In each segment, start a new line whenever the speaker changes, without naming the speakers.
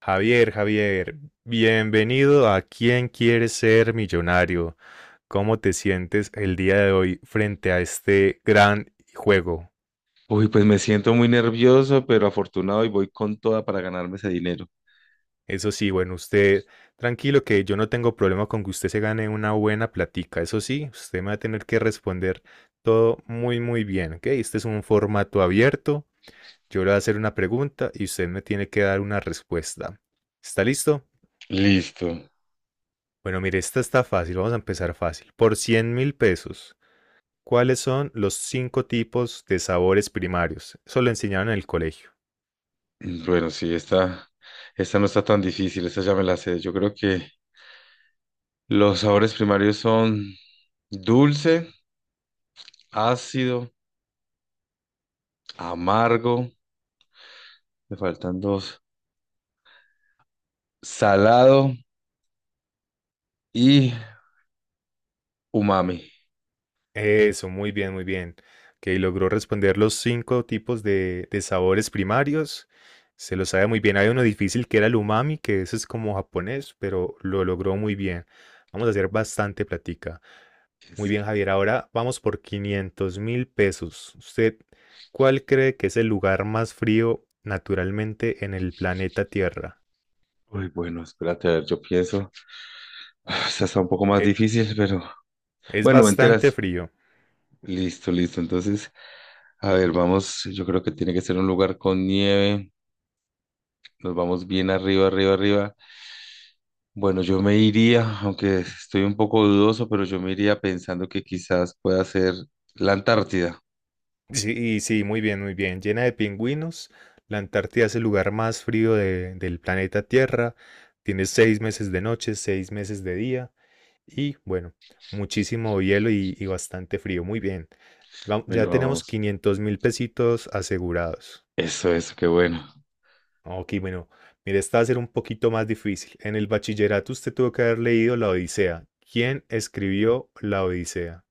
Javier, Javier, bienvenido a ¿Quién quiere ser millonario? ¿Cómo te sientes el día de hoy frente a este gran juego?
Uy, pues me siento muy nervioso, pero afortunado y voy con toda para ganarme ese dinero.
Eso sí, bueno, usted tranquilo que yo no tengo problema con que usted se gane una buena platica. Eso sí, usted me va a tener que responder todo muy, muy bien, ¿ok? Este es un formato abierto. Yo le voy a hacer una pregunta y usted me tiene que dar una respuesta. ¿Está listo?
Listo.
Bueno, mire, esta está fácil. Vamos a empezar fácil. Por 100.000 pesos. ¿Cuáles son los cinco tipos de sabores primarios? Eso lo enseñaron en el colegio.
Bueno, sí, esta no está tan difícil, esta ya me la sé. Yo creo que los sabores primarios son dulce, ácido, amargo, me faltan dos, salado y umami.
Eso, muy bien, muy bien. Ok, logró responder los cinco tipos de sabores primarios. Se lo sabe muy bien. Hay uno difícil que era el umami, que ese es como japonés, pero lo logró muy bien. Vamos a hacer bastante plática. Muy
Eso.
bien, Javier. Ahora vamos por 500 mil pesos. ¿Usted cuál cree que es el lugar más frío naturalmente en el planeta Tierra?
Uy, bueno, espérate, a ver, yo pienso. Ah, esta está un poco más
Eh,
difícil, pero
es
bueno, me
bastante
enteras.
frío.
Listo, listo. Entonces, a ver, vamos, yo creo que tiene que ser un lugar con nieve. Nos vamos bien arriba, arriba, arriba. Bueno, yo me iría, aunque estoy un poco dudoso, pero yo me iría pensando que quizás pueda ser la Antártida.
Sí, sí, muy bien, muy bien. Llena de pingüinos. La Antártida es el lugar más frío del planeta Tierra. Tiene seis meses de noche, seis meses de día y bueno, muchísimo hielo y bastante frío. Muy bien.
Bueno,
Ya tenemos
vamos.
500.000 pesitos asegurados.
Eso, qué bueno.
Ok, bueno, mire, esta va a ser un poquito más difícil. En el bachillerato usted tuvo que haber leído La Odisea. ¿Quién escribió La Odisea?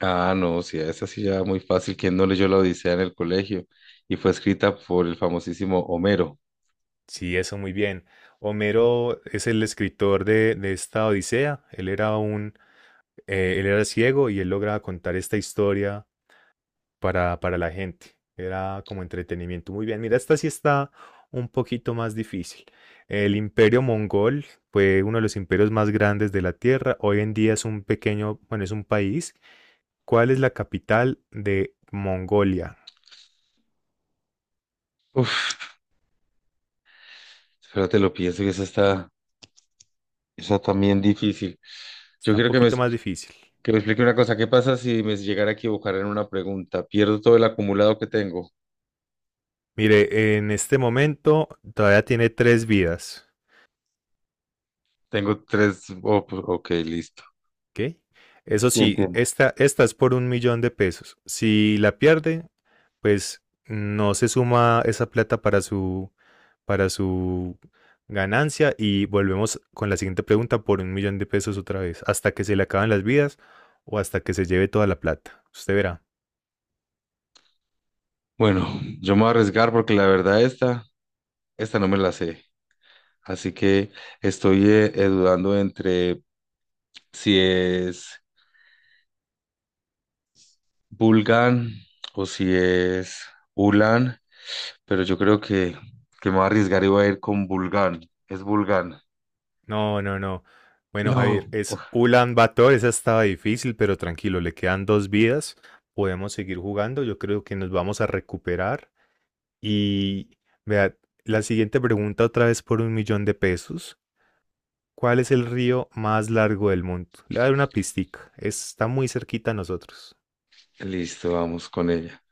Ah, no, sí, esa sí ya muy fácil. ¿Quién no leyó la Odisea en el colegio? Y fue escrita por el famosísimo Homero.
Sí, eso muy bien. Homero es el escritor de esta Odisea. Él era ciego y él lograba contar esta historia para la gente. Era como entretenimiento. Muy bien. Mira, esta sí está un poquito más difícil. El imperio mongol fue uno de los imperios más grandes de la Tierra. Hoy en día es un pequeño, bueno, es un país. ¿Cuál es la capital de Mongolia?
Uf, espérate, lo pienso que esa también difícil. Yo
Está un
quiero que me,
poquito más difícil.
Que me explique una cosa, ¿qué pasa si me llegara a equivocar en una pregunta? ¿Pierdo todo el acumulado que tengo?
Mire, en este momento todavía tiene tres vidas.
Tengo tres, oh, pues, ok, listo.
Ok. Eso
Sí,
sí,
entiendo.
esta es por un millón de pesos. Si la pierde, pues no se suma esa plata para su ganancia y volvemos con la siguiente pregunta por un millón de pesos otra vez, hasta que se le acaben las vidas o hasta que se lleve toda la plata. Usted verá.
Bueno, yo me voy a arriesgar porque la verdad esta no me la sé. Así que estoy dudando entre si es Bulgan o si es Ulan, pero yo creo que me voy a arriesgar y voy a ir con Bulgan. Es Bulgan.
No, no, no. Bueno, Javier,
No.
es
Uf,
Ulan Bator, esa estaba difícil, pero tranquilo, le quedan dos vidas. Podemos seguir jugando, yo creo que nos vamos a recuperar. Y vea, la siguiente pregunta otra vez por un millón de pesos. ¿Cuál es el río más largo del mundo? Le voy a dar una pistica. Está muy cerquita a nosotros.
listo, vamos con ella.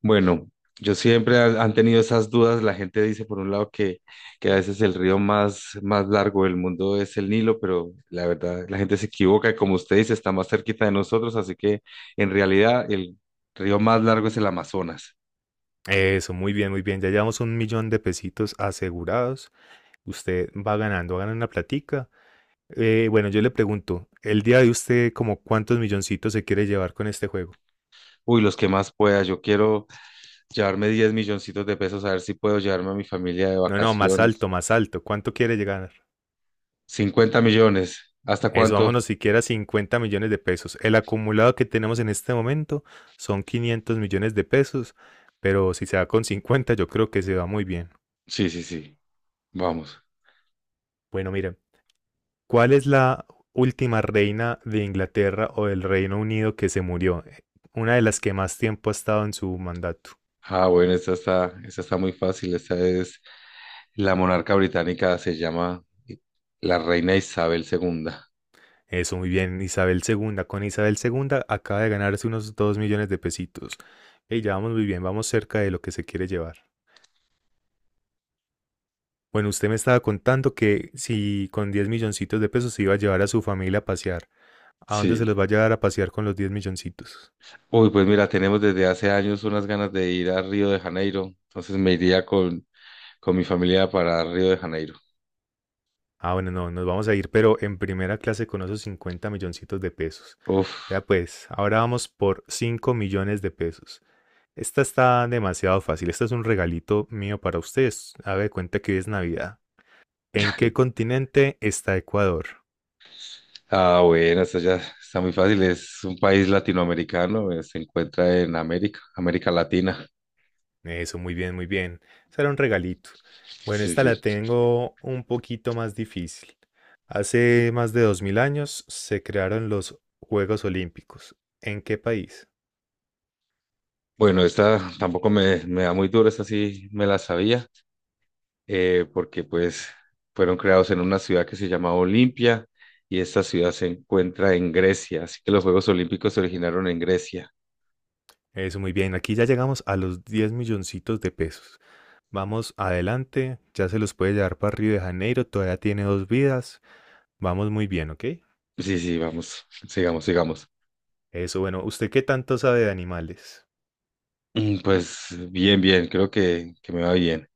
Bueno, yo siempre han tenido esas dudas. La gente dice, por un lado, que a veces el río más largo del mundo es el Nilo, pero la verdad, la gente se equivoca. Como usted dice, está más cerquita de nosotros, así que en realidad el río más largo es el Amazonas.
Eso, muy bien, muy bien. Ya llevamos un millón de pesitos asegurados. Usted va ganando, gana una platica. Bueno, yo le pregunto, el día de usted, ¿como cuántos milloncitos se quiere llevar con este juego?
Uy, los que más pueda. Yo quiero llevarme 10 milloncitos de pesos, a ver si puedo llevarme a mi familia de
No, no, más
vacaciones.
alto, más alto. ¿Cuánto quiere llegar?
50 millones. ¿Hasta
Eso,
cuánto?
vámonos siquiera a 50 millones de pesos. El acumulado que tenemos en este momento son 500 millones de pesos, pero si se va con 50 yo creo que se va muy bien.
Sí, sí, sí. Vamos.
Bueno, miren, ¿cuál es la última reina de Inglaterra o del Reino Unido que se murió? Una de las que más tiempo ha estado en su mandato.
Ah, bueno, esta está muy fácil. Esta es La monarca británica se llama la reina Isabel II.
Eso, muy bien, Isabel segunda. Con Isabel segunda acaba de ganarse unos 2 millones de pesitos. Y ya vamos muy bien, vamos cerca de lo que se quiere llevar. Bueno, usted me estaba contando que si con 10 milloncitos de pesos se iba a llevar a su familia a pasear, ¿a dónde se
Sí.
los va a llevar a pasear con los 10 milloncitos?
Uy, pues mira, tenemos desde hace años unas ganas de ir a Río de Janeiro. Entonces me iría con mi familia para Río de Janeiro.
Ah, bueno, no, nos vamos a ir, pero en primera clase con esos 50 milloncitos de pesos.
Uf.
Vea pues, ahora vamos por 5 millones de pesos. Esta está demasiado fácil, esta es un regalito mío para ustedes. Haga de cuenta que hoy es Navidad. ¿En qué
Dale.
continente está Ecuador?
Ah, bueno, esto ya está muy fácil. Es un país latinoamericano, se encuentra en América, América Latina.
Eso, muy bien, muy bien. Será un regalito. Bueno,
Sí,
esta
sí.
la tengo un poquito más difícil. Hace más de 2.000 años se crearon los Juegos Olímpicos. ¿En qué país?
Bueno, esta tampoco me da muy duro, esta sí me la sabía. Porque pues fueron creados en una ciudad que se llamaba Olimpia y esta ciudad se encuentra en Grecia, así que los Juegos Olímpicos se originaron en Grecia.
Eso, muy bien. Aquí ya llegamos a los 10 milloncitos de pesos. Vamos adelante. Ya se los puede llevar para Río de Janeiro. Todavía tiene dos vidas. Vamos muy bien, ¿ok?
Sí, sí, vamos, sigamos, sigamos.
Eso, bueno. ¿Usted qué tanto sabe de animales?
Pues bien, bien, creo que me va bien.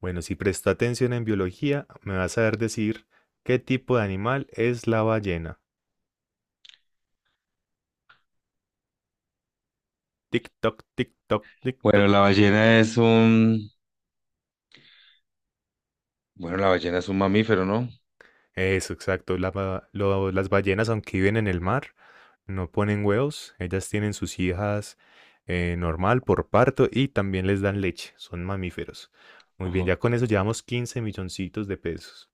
Bueno, si presta atención en biología, me va a saber decir qué tipo de animal es la ballena. Tic-toc, tic-toc,
Bueno,
tic-toc.
la ballena es un, bueno, la ballena es un mamífero, ¿no?
Eso, exacto. Las ballenas, aunque viven en el mar, no ponen huevos. Ellas tienen sus hijas normal por parto y también les dan leche. Son mamíferos. Muy bien,
Ojo,
ya con eso llevamos 15 milloncitos de pesos.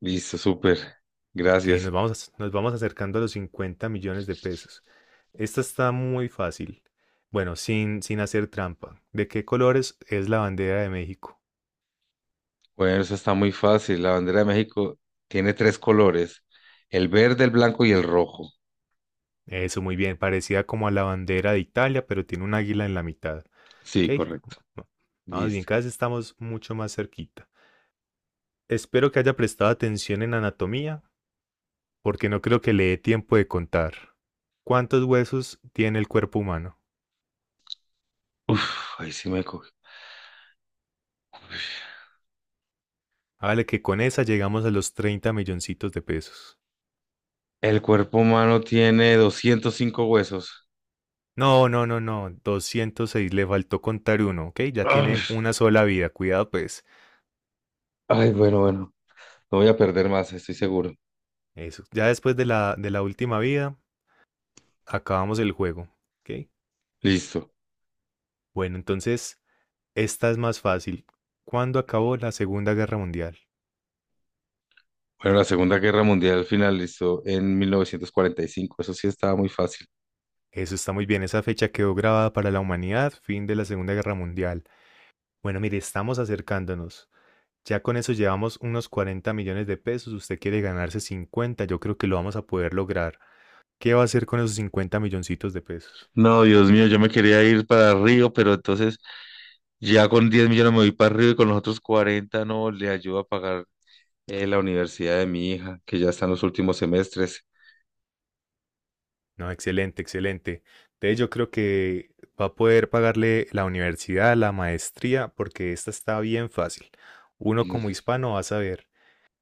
listo, súper,
Que nos
gracias.
vamos, nos vamos acercando a los 50 millones de pesos. Esta está muy fácil. Bueno, sin hacer trampa. ¿De qué colores es la bandera de México?
Bueno, eso está muy fácil. La bandera de México tiene tres colores, el verde, el blanco y el rojo.
Eso, muy bien. Parecida como a la bandera de Italia, pero tiene un águila en la mitad.
Sí,
¿Ok?
correcto.
Bueno, vamos bien,
Listo.
cada vez estamos mucho más cerquita. Espero que haya prestado atención en anatomía, porque no creo que le dé tiempo de contar. ¿Cuántos huesos tiene el cuerpo humano?
Uf, ahí sí me cogió.
Hágale que con esa llegamos a los 30 milloncitos de pesos.
El cuerpo humano tiene 205 huesos.
No, no, no, no. 206. Le faltó contar uno, ¿ok? Ya
Ay,
tiene una sola vida. Cuidado, pues.
ay, bueno, bueno. No voy a perder más, estoy seguro.
Eso. Ya después de la última vida, acabamos el juego, ¿ok?
Listo.
Bueno, entonces, esta es más fácil. ¿Cuándo acabó la Segunda Guerra Mundial?
Bueno, la Segunda Guerra Mundial finalizó en 1945. Eso sí estaba muy fácil.
Eso está muy bien, esa fecha quedó grabada para la humanidad, fin de la Segunda Guerra Mundial. Bueno, mire, estamos acercándonos. Ya con eso llevamos unos 40 millones de pesos, usted quiere ganarse 50, yo creo que lo vamos a poder lograr. ¿Qué va a hacer con esos 50 milloncitos de pesos?
No, Dios mío, yo me quería ir para Río, pero entonces ya con 10 millones me voy para Río y con los otros 40 no le ayudo a pagar la universidad de mi hija, que ya está en los últimos semestres.
No, excelente, excelente. De hecho, yo creo que va a poder pagarle la universidad, la maestría, porque esta está bien fácil. Uno como hispano va a saber.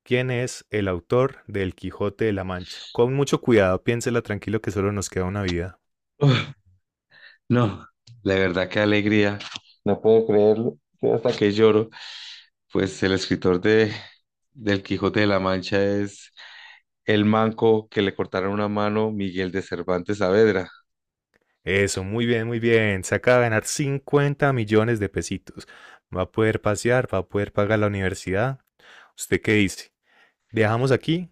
¿Quién es el autor del Quijote de la Mancha? Con mucho cuidado, piénsela tranquilo que solo nos queda una vida.
Uf, no, la verdad, qué alegría. No puedo creerlo. Estoy hasta que lloro. Pues el escritor de del Quijote de la Mancha es el manco que le cortaron una mano, Miguel de Cervantes Saavedra.
Eso, muy bien, muy bien. Se acaba de ganar 50 millones de pesitos. Va a poder pasear, va a poder pagar la universidad. ¿Usted qué dice? ¿Dejamos aquí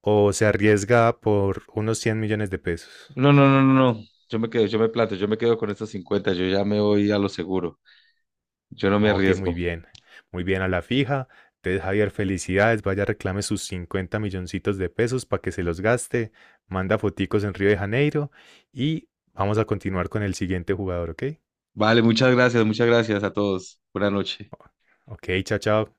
o se arriesga por unos 100 millones de pesos?
No, no, no, no, no. Yo me quedo, yo me planto, yo me quedo con estos 50. Yo ya me voy a lo seguro. Yo no me
Ok, muy
arriesgo.
bien. Muy bien a la fija. Entonces, Javier, felicidades. Vaya, reclame sus 50 milloncitos de pesos para que se los gaste. Manda foticos en Río de Janeiro y vamos a continuar con el siguiente jugador, ¿ok?
Vale, muchas gracias a todos. Buenas noches.
Ok, chao, chao.